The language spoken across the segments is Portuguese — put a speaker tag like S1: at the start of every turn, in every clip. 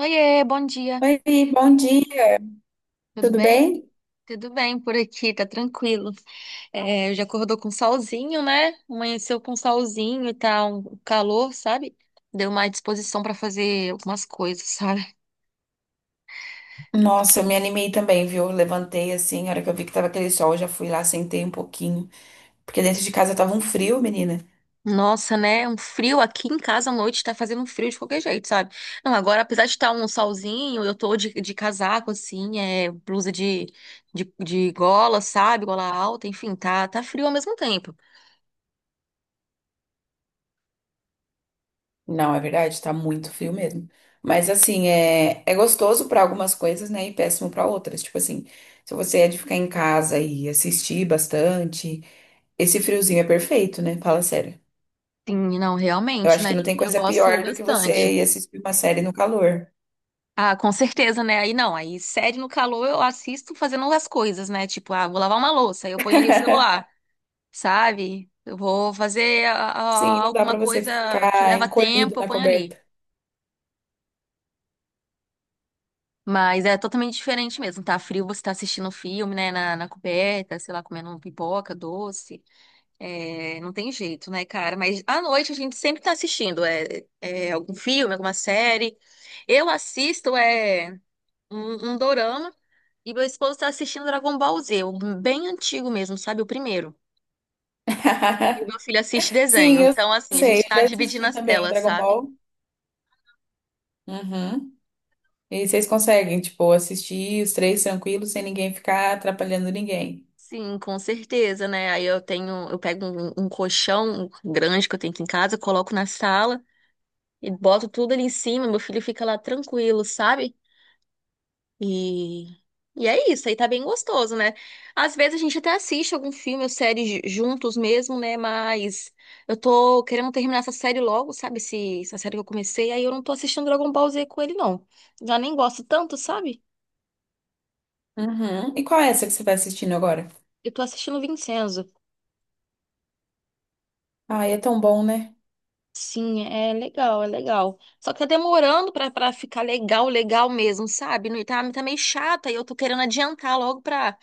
S1: Oiê, bom dia.
S2: Oi, bom dia,
S1: Tudo
S2: tudo
S1: bem?
S2: bem?
S1: Tudo bem por aqui, tá tranquilo. É, já acordou com solzinho, né? Amanheceu com solzinho e tá um calor, sabe? Deu mais disposição pra fazer algumas coisas, sabe?
S2: Nossa, eu me animei também, viu? Eu Levantei assim, a hora que eu vi que tava aquele sol, eu já fui lá, sentei um pouquinho. Porque dentro de casa tava um frio, menina.
S1: Nossa, né? Um frio aqui em casa à noite tá fazendo um frio de qualquer jeito, sabe? Não, agora apesar de estar um solzinho, eu tô de casaco assim, é blusa de gola, sabe? Gola alta, enfim, tá frio ao mesmo tempo.
S2: Não, é verdade, tá muito frio mesmo. Mas assim, é gostoso pra algumas coisas, né? E péssimo pra outras. Tipo assim, se você é de ficar em casa e assistir bastante, esse friozinho é perfeito, né? Fala sério.
S1: Sim, não,
S2: Eu
S1: realmente,
S2: acho que
S1: né?
S2: não tem
S1: Eu
S2: coisa
S1: gosto
S2: pior do que
S1: bastante.
S2: você ir assistir uma série no calor.
S1: Ah, com certeza, né? Aí não, aí série no calor eu assisto fazendo as coisas, né? Tipo, ah, vou lavar uma louça, aí eu ponho ali o celular, sabe? Eu vou fazer
S2: Sim, não dá
S1: alguma
S2: pra você
S1: coisa que
S2: ficar
S1: leva
S2: encolhido
S1: tempo, eu
S2: na
S1: ponho
S2: coberta.
S1: ali. Mas é totalmente diferente mesmo. Tá frio, você tá assistindo filme, né? Na coberta, sei lá, comendo um pipoca, doce. É, não tem jeito, né, cara? Mas à noite a gente sempre tá assistindo algum filme, alguma série. Eu assisto é um dorama. E meu esposo tá assistindo Dragon Ball Z, o bem antigo mesmo, sabe? O primeiro. E o meu filho assiste
S2: Sim,
S1: desenho.
S2: eu
S1: Então, assim, a
S2: sei,
S1: gente
S2: eu
S1: tá
S2: já
S1: dividindo
S2: assisti
S1: as
S2: também
S1: telas,
S2: Dragon
S1: sabe?
S2: Ball. Uhum. E vocês conseguem, tipo, assistir os três tranquilos, sem ninguém ficar atrapalhando ninguém.
S1: Sim, com certeza, né? Aí eu tenho, eu pego um colchão grande que eu tenho aqui em casa, coloco na sala e boto tudo ali em cima. Meu filho fica lá tranquilo, sabe? E, e é isso, aí tá bem gostoso, né? Às vezes a gente até assiste algum filme ou série juntos mesmo, né? Mas eu tô querendo terminar essa série logo, sabe? Essa série que eu comecei, aí eu não tô assistindo Dragon Ball Z com ele, não. Já nem gosto tanto, sabe?
S2: Uhum. E qual é essa que você vai assistindo agora?
S1: Eu tô assistindo Vincenzo.
S2: Ai, é tão bom, né?
S1: Sim, é legal, é legal. Só que tá demorando pra ficar legal, legal mesmo, sabe? Tá, tá meio chata e eu tô querendo adiantar logo pra.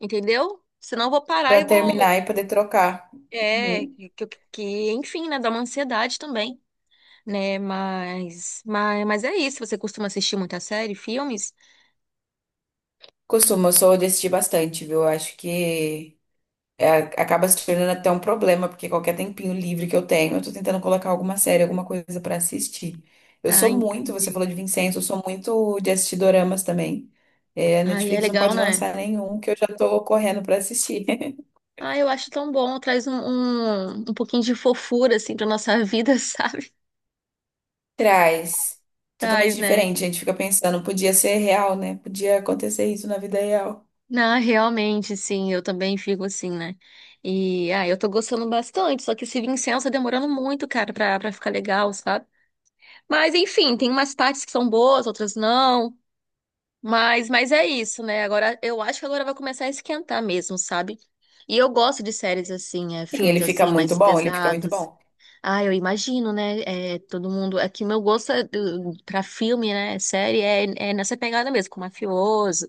S1: Entendeu? Senão eu vou parar
S2: Pra
S1: e vou.
S2: terminar e poder trocar.
S1: É,
S2: Uhum.
S1: enfim, né, dá uma ansiedade também, né, mas, mas é isso, você costuma assistir muita série, filmes?
S2: Costumo, eu sou de assistir bastante, viu? Eu acho que acaba se tornando até um problema, porque qualquer tempinho livre que eu tenho, eu tô tentando colocar alguma série, alguma coisa pra assistir. Eu
S1: Ah,
S2: sou muito, você
S1: entendi.
S2: falou de Vincenzo, eu sou muito de assistir doramas também. É, a
S1: Ai, é
S2: Netflix não
S1: legal,
S2: pode
S1: né?
S2: lançar nenhum que eu já tô correndo pra assistir.
S1: Ah, eu acho tão bom, traz um pouquinho de fofura, assim, pra nossa vida, sabe?
S2: Traz. Totalmente
S1: Traz, né?
S2: diferente, a gente fica pensando, podia ser real, né? Podia acontecer isso na vida real.
S1: Não, realmente, sim, eu também fico assim, né? E, ah, eu tô gostando bastante, só que esse Vincenzo tá demorando muito, cara, pra ficar legal, sabe? Mas, enfim, tem umas partes que são boas, outras não. Mas é isso, né? Agora eu acho que agora vai começar a esquentar mesmo, sabe? E eu gosto de séries assim, é,
S2: Sim, ele
S1: filmes
S2: fica
S1: assim,
S2: muito
S1: mais
S2: bom, ele fica muito
S1: pesados.
S2: bom.
S1: Ah, eu imagino, né? É, todo mundo. É que meu gosto é pra filme, né? Série é, é nessa pegada mesmo, com mafioso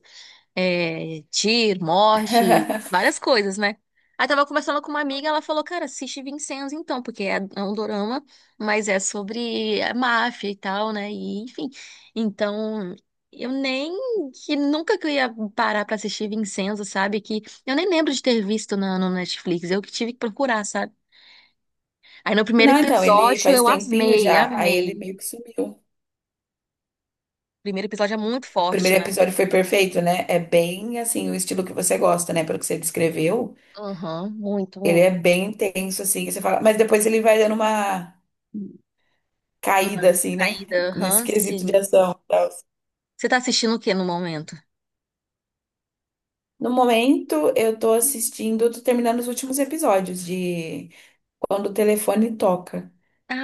S1: é, tiro, morte, várias coisas, né? Aí tava conversando com uma amiga, ela falou, cara, assiste Vincenzo então, porque é um dorama, mas é sobre a máfia e tal, né? E enfim. Então, eu nem que nunca que eu ia parar pra assistir Vincenzo, sabe? Que eu nem lembro de ter visto no Netflix, eu que tive que procurar, sabe? Aí no primeiro
S2: Não, então, ele
S1: episódio
S2: faz
S1: eu
S2: tempinho
S1: amei,
S2: já, aí ele
S1: amei.
S2: meio que sumiu.
S1: Primeiro episódio é muito
S2: O
S1: forte,
S2: primeiro
S1: né?
S2: episódio foi perfeito, né? É bem assim, o estilo que você gosta, né? Pelo que você descreveu,
S1: Aham, muito,
S2: ele é
S1: muito.
S2: bem intenso, assim, você fala, mas depois ele vai dando uma
S1: Uma
S2: caída, assim, né?
S1: caída,
S2: Nesse
S1: aham,
S2: quesito de
S1: sim.
S2: ação e tal.
S1: Você tá assistindo o que no momento?
S2: No momento, eu tô assistindo, tô terminando os últimos episódios de Quando o Telefone Toca.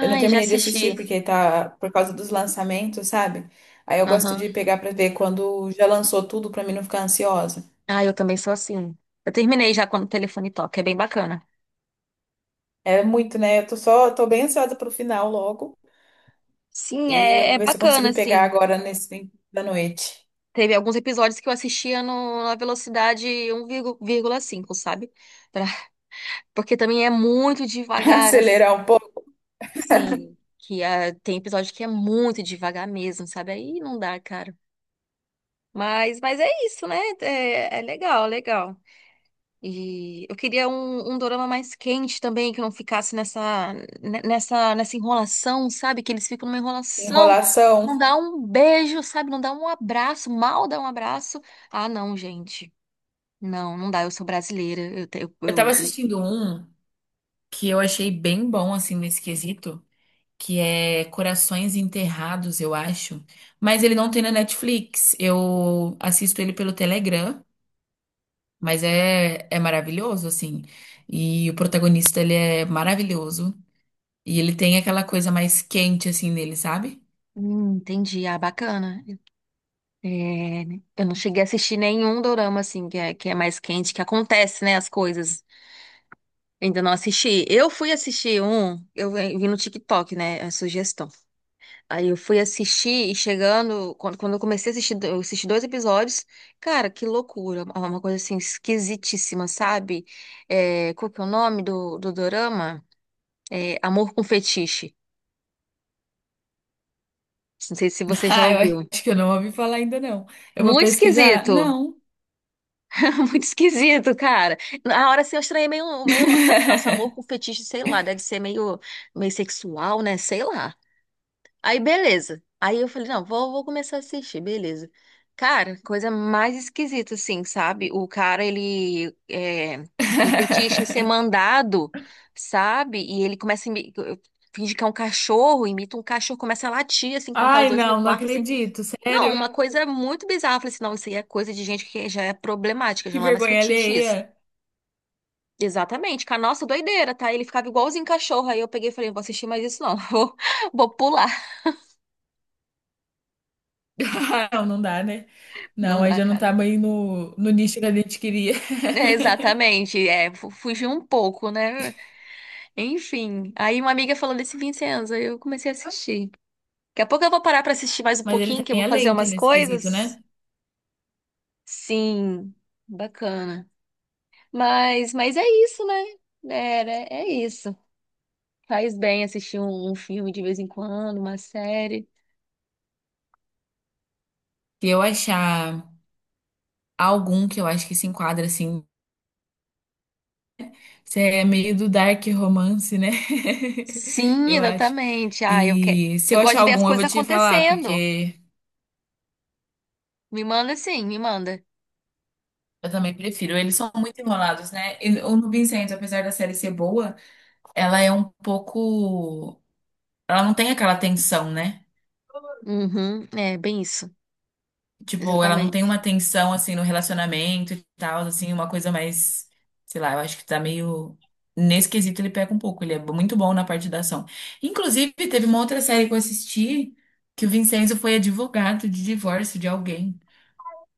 S2: Eu não
S1: já
S2: terminei de
S1: assisti.
S2: assistir porque tá por causa dos lançamentos, sabe? Aí eu gosto
S1: Aham.
S2: de pegar pra ver quando já lançou tudo pra mim não ficar ansiosa.
S1: Ah, eu também sou assim. Eu terminei já quando o telefone toca, é bem bacana.
S2: É muito, né? Eu tô só, tô bem ansiosa pro final logo.
S1: Sim,
S2: E eu
S1: é,
S2: vou
S1: é
S2: ver se eu
S1: bacana,
S2: consigo pegar
S1: assim.
S2: agora nesse tempo da noite.
S1: Teve alguns episódios que eu assistia no, na velocidade 1,5, sabe? Pra- Porque também é muito devagar,
S2: Acelerar um pouco.
S1: assim. Que ah, tem episódio que é muito devagar mesmo, sabe? Aí não dá, cara. Mas é isso, né? É, é legal, legal. E eu queria um dorama mais quente também, que não ficasse nessa, nessa enrolação, sabe? Que eles ficam numa enrolação, não
S2: Enrolação.
S1: dá um beijo, sabe? Não dá um abraço, mal dá um abraço. Ah, não, gente. Não, não dá, eu sou brasileira. Eu, te- eu,
S2: Eu
S1: eu-
S2: tava assistindo um que eu achei bem bom, assim, nesse quesito, que é Corações Enterrados, eu acho. Mas ele não tem na Netflix. Eu assisto ele pelo Telegram, mas é maravilhoso, assim. E o protagonista, ele é maravilhoso. E ele tem aquela coisa mais quente assim nele, sabe?
S1: Entendi, ah, bacana. É, né? Eu não cheguei a assistir nenhum dorama, assim, que é mais quente, que acontece, né, as coisas. Eu ainda não assisti. Eu fui assistir um, eu vi no TikTok, né, a sugestão. Aí eu fui assistir e chegando, quando eu comecei a assistir, eu assisti dois episódios, cara, que loucura, uma coisa assim esquisitíssima, sabe? É, qual que é o nome do, do dorama? É, Amor com Fetiche. Não sei se você já
S2: Ah, eu
S1: ouviu.
S2: acho que eu não ouvi falar ainda não. Eu vou
S1: Muito
S2: pesquisar?
S1: esquisito,
S2: Não.
S1: muito esquisito, cara. Na hora assim, eu estranhei meio, meio o nome assim, nosso amor com fetiche, sei lá, deve ser meio, meio sexual, né? Sei lá. Aí, beleza. Aí eu falei, não, vou, vou começar a assistir, beleza. Cara, coisa mais esquisita, assim, sabe? O cara, ele é, tem fetiche em ser mandado, sabe? E ele começa a finge que é um cachorro, imita um cachorro, começa a latir, assim, contar os
S2: Ai,
S1: dois no
S2: não, não
S1: quarto, assim.
S2: acredito,
S1: Não,
S2: sério?
S1: uma coisa muito bizarra. Eu falei assim, não, isso aí é coisa de gente que já é problemática,
S2: Que
S1: já não é mais
S2: vergonha
S1: fetiche
S2: alheia.
S1: isso. Exatamente, com a nossa doideira, tá? Ele ficava igualzinho cachorro. Aí eu peguei e falei, não vou assistir mais isso não, vou, vou pular.
S2: Não, não dá, né?
S1: Não
S2: Não, aí
S1: dá,
S2: já não tá
S1: cara.
S2: bem no nicho que a gente queria.
S1: É, exatamente, é, fugiu um pouco, né? Enfim, aí uma amiga falou desse Vincenzo, aí eu comecei a assistir. Daqui a pouco eu vou parar pra assistir mais um
S2: Mas ele
S1: pouquinho, que eu
S2: também
S1: vou
S2: é
S1: fazer
S2: lento
S1: umas
S2: nesse quesito,
S1: coisas.
S2: né?
S1: Sim, bacana. Mas é isso, né? Era, é isso. Faz bem assistir um filme de vez em quando, uma série.
S2: Se eu achar algum que eu acho que se enquadra assim, se é meio do dark romance, né?
S1: Sim,
S2: Eu acho.
S1: exatamente. Ah, eu quero.
S2: E se
S1: Eu
S2: eu
S1: gosto
S2: achar
S1: de ver as
S2: algum, eu
S1: coisas
S2: vou te falar,
S1: acontecendo.
S2: porque
S1: Me manda sim, me manda.
S2: eu também prefiro. Eles são muito enrolados, né? E o Nubin Santos, apesar da série ser boa, ela é um pouco. Ela não tem aquela tensão, né?
S1: Uhum, é bem isso.
S2: Tipo, ela não tem uma
S1: Exatamente.
S2: tensão assim no relacionamento e tal, assim, uma coisa mais, sei lá, eu acho que tá meio nesse quesito ele pega um pouco, ele é muito bom na parte da ação. Inclusive, teve uma outra série que eu assisti que o Vincenzo foi advogado de divórcio de alguém.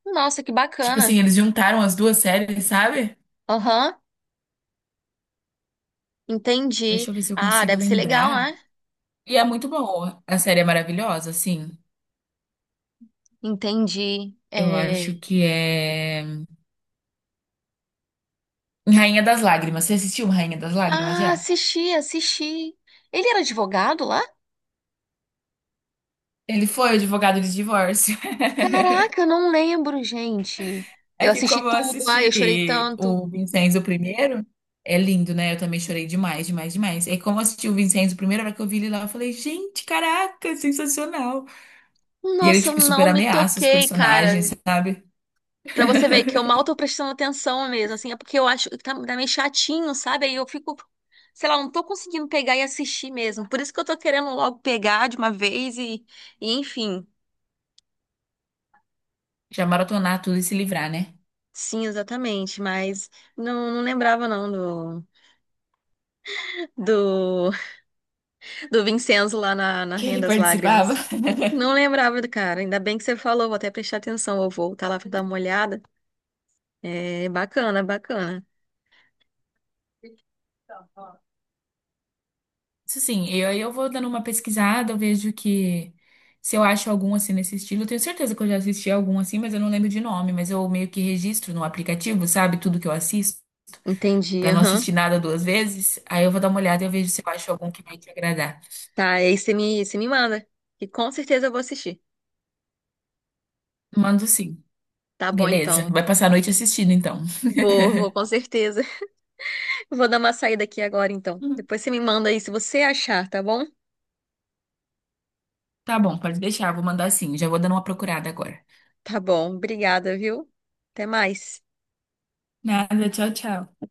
S1: Nossa, que
S2: Tipo assim,
S1: bacana.
S2: eles juntaram as duas séries, sabe?
S1: Aham, entendi.
S2: Deixa eu ver se eu
S1: Ah,
S2: consigo
S1: deve ser legal,
S2: lembrar.
S1: né?
S2: E é muito boa. A série é maravilhosa, assim.
S1: Entendi.
S2: Eu
S1: É...
S2: acho que é Rainha das Lágrimas. Você assistiu Rainha das Lágrimas
S1: Ah,
S2: já?
S1: assisti, assisti. Ele era advogado lá?
S2: Ele foi advogado de divórcio.
S1: Caraca, eu não lembro, gente.
S2: É
S1: Eu
S2: que como
S1: assisti
S2: eu
S1: tudo, ai, eu chorei
S2: assisti
S1: tanto.
S2: o Vincenzo primeiro, é lindo, né? Eu também chorei demais, demais, demais. E como eu assisti o Vincenzo primeiro, a hora que eu vi ele lá, eu falei, gente, caraca, sensacional. E ele,
S1: Nossa, eu
S2: tipo, super
S1: não me
S2: ameaça os
S1: toquei,
S2: personagens,
S1: cara.
S2: sabe?
S1: Pra você ver que eu mal tô prestando atenção mesmo, assim, é porque eu acho que tá, tá meio chatinho, sabe? Aí eu fico, sei lá, não tô conseguindo pegar e assistir mesmo. Por isso que eu tô querendo logo pegar de uma vez e enfim.
S2: Já maratonar tudo e se livrar, né?
S1: Sim, exatamente, mas não, não lembrava não do, do Vincenzo lá na
S2: Que
S1: Rainha
S2: ele
S1: das
S2: participava.
S1: Lágrimas. Não lembrava do cara, ainda bem que você falou, vou até prestar atenção, eu vou voltar lá pra dar uma olhada. É bacana, bacana.
S2: Isso assim, eu vou dando uma pesquisada, eu vejo que se eu acho algum assim nesse estilo, eu tenho certeza que eu já assisti algum assim, mas eu não lembro de nome, mas eu meio que registro no aplicativo, sabe? Tudo que eu assisto.
S1: Entendi,
S2: Pra não
S1: aham.
S2: assistir nada duas vezes, aí eu vou dar uma olhada e eu vejo se eu acho algum que vai te agradar.
S1: Tá, aí você me manda, que com certeza eu vou assistir.
S2: Mando sim.
S1: Tá bom,
S2: Beleza.
S1: então.
S2: Vai passar a noite assistindo, então.
S1: Vou, vou, com certeza. Vou dar uma saída aqui agora, então.
S2: Uhum.
S1: Depois você me manda aí se você achar, tá bom?
S2: Tá bom, pode deixar. Vou mandar sim. Já vou dando uma procurada agora.
S1: Tá bom, obrigada, viu? Até mais.
S2: Nada, tchau, tchau.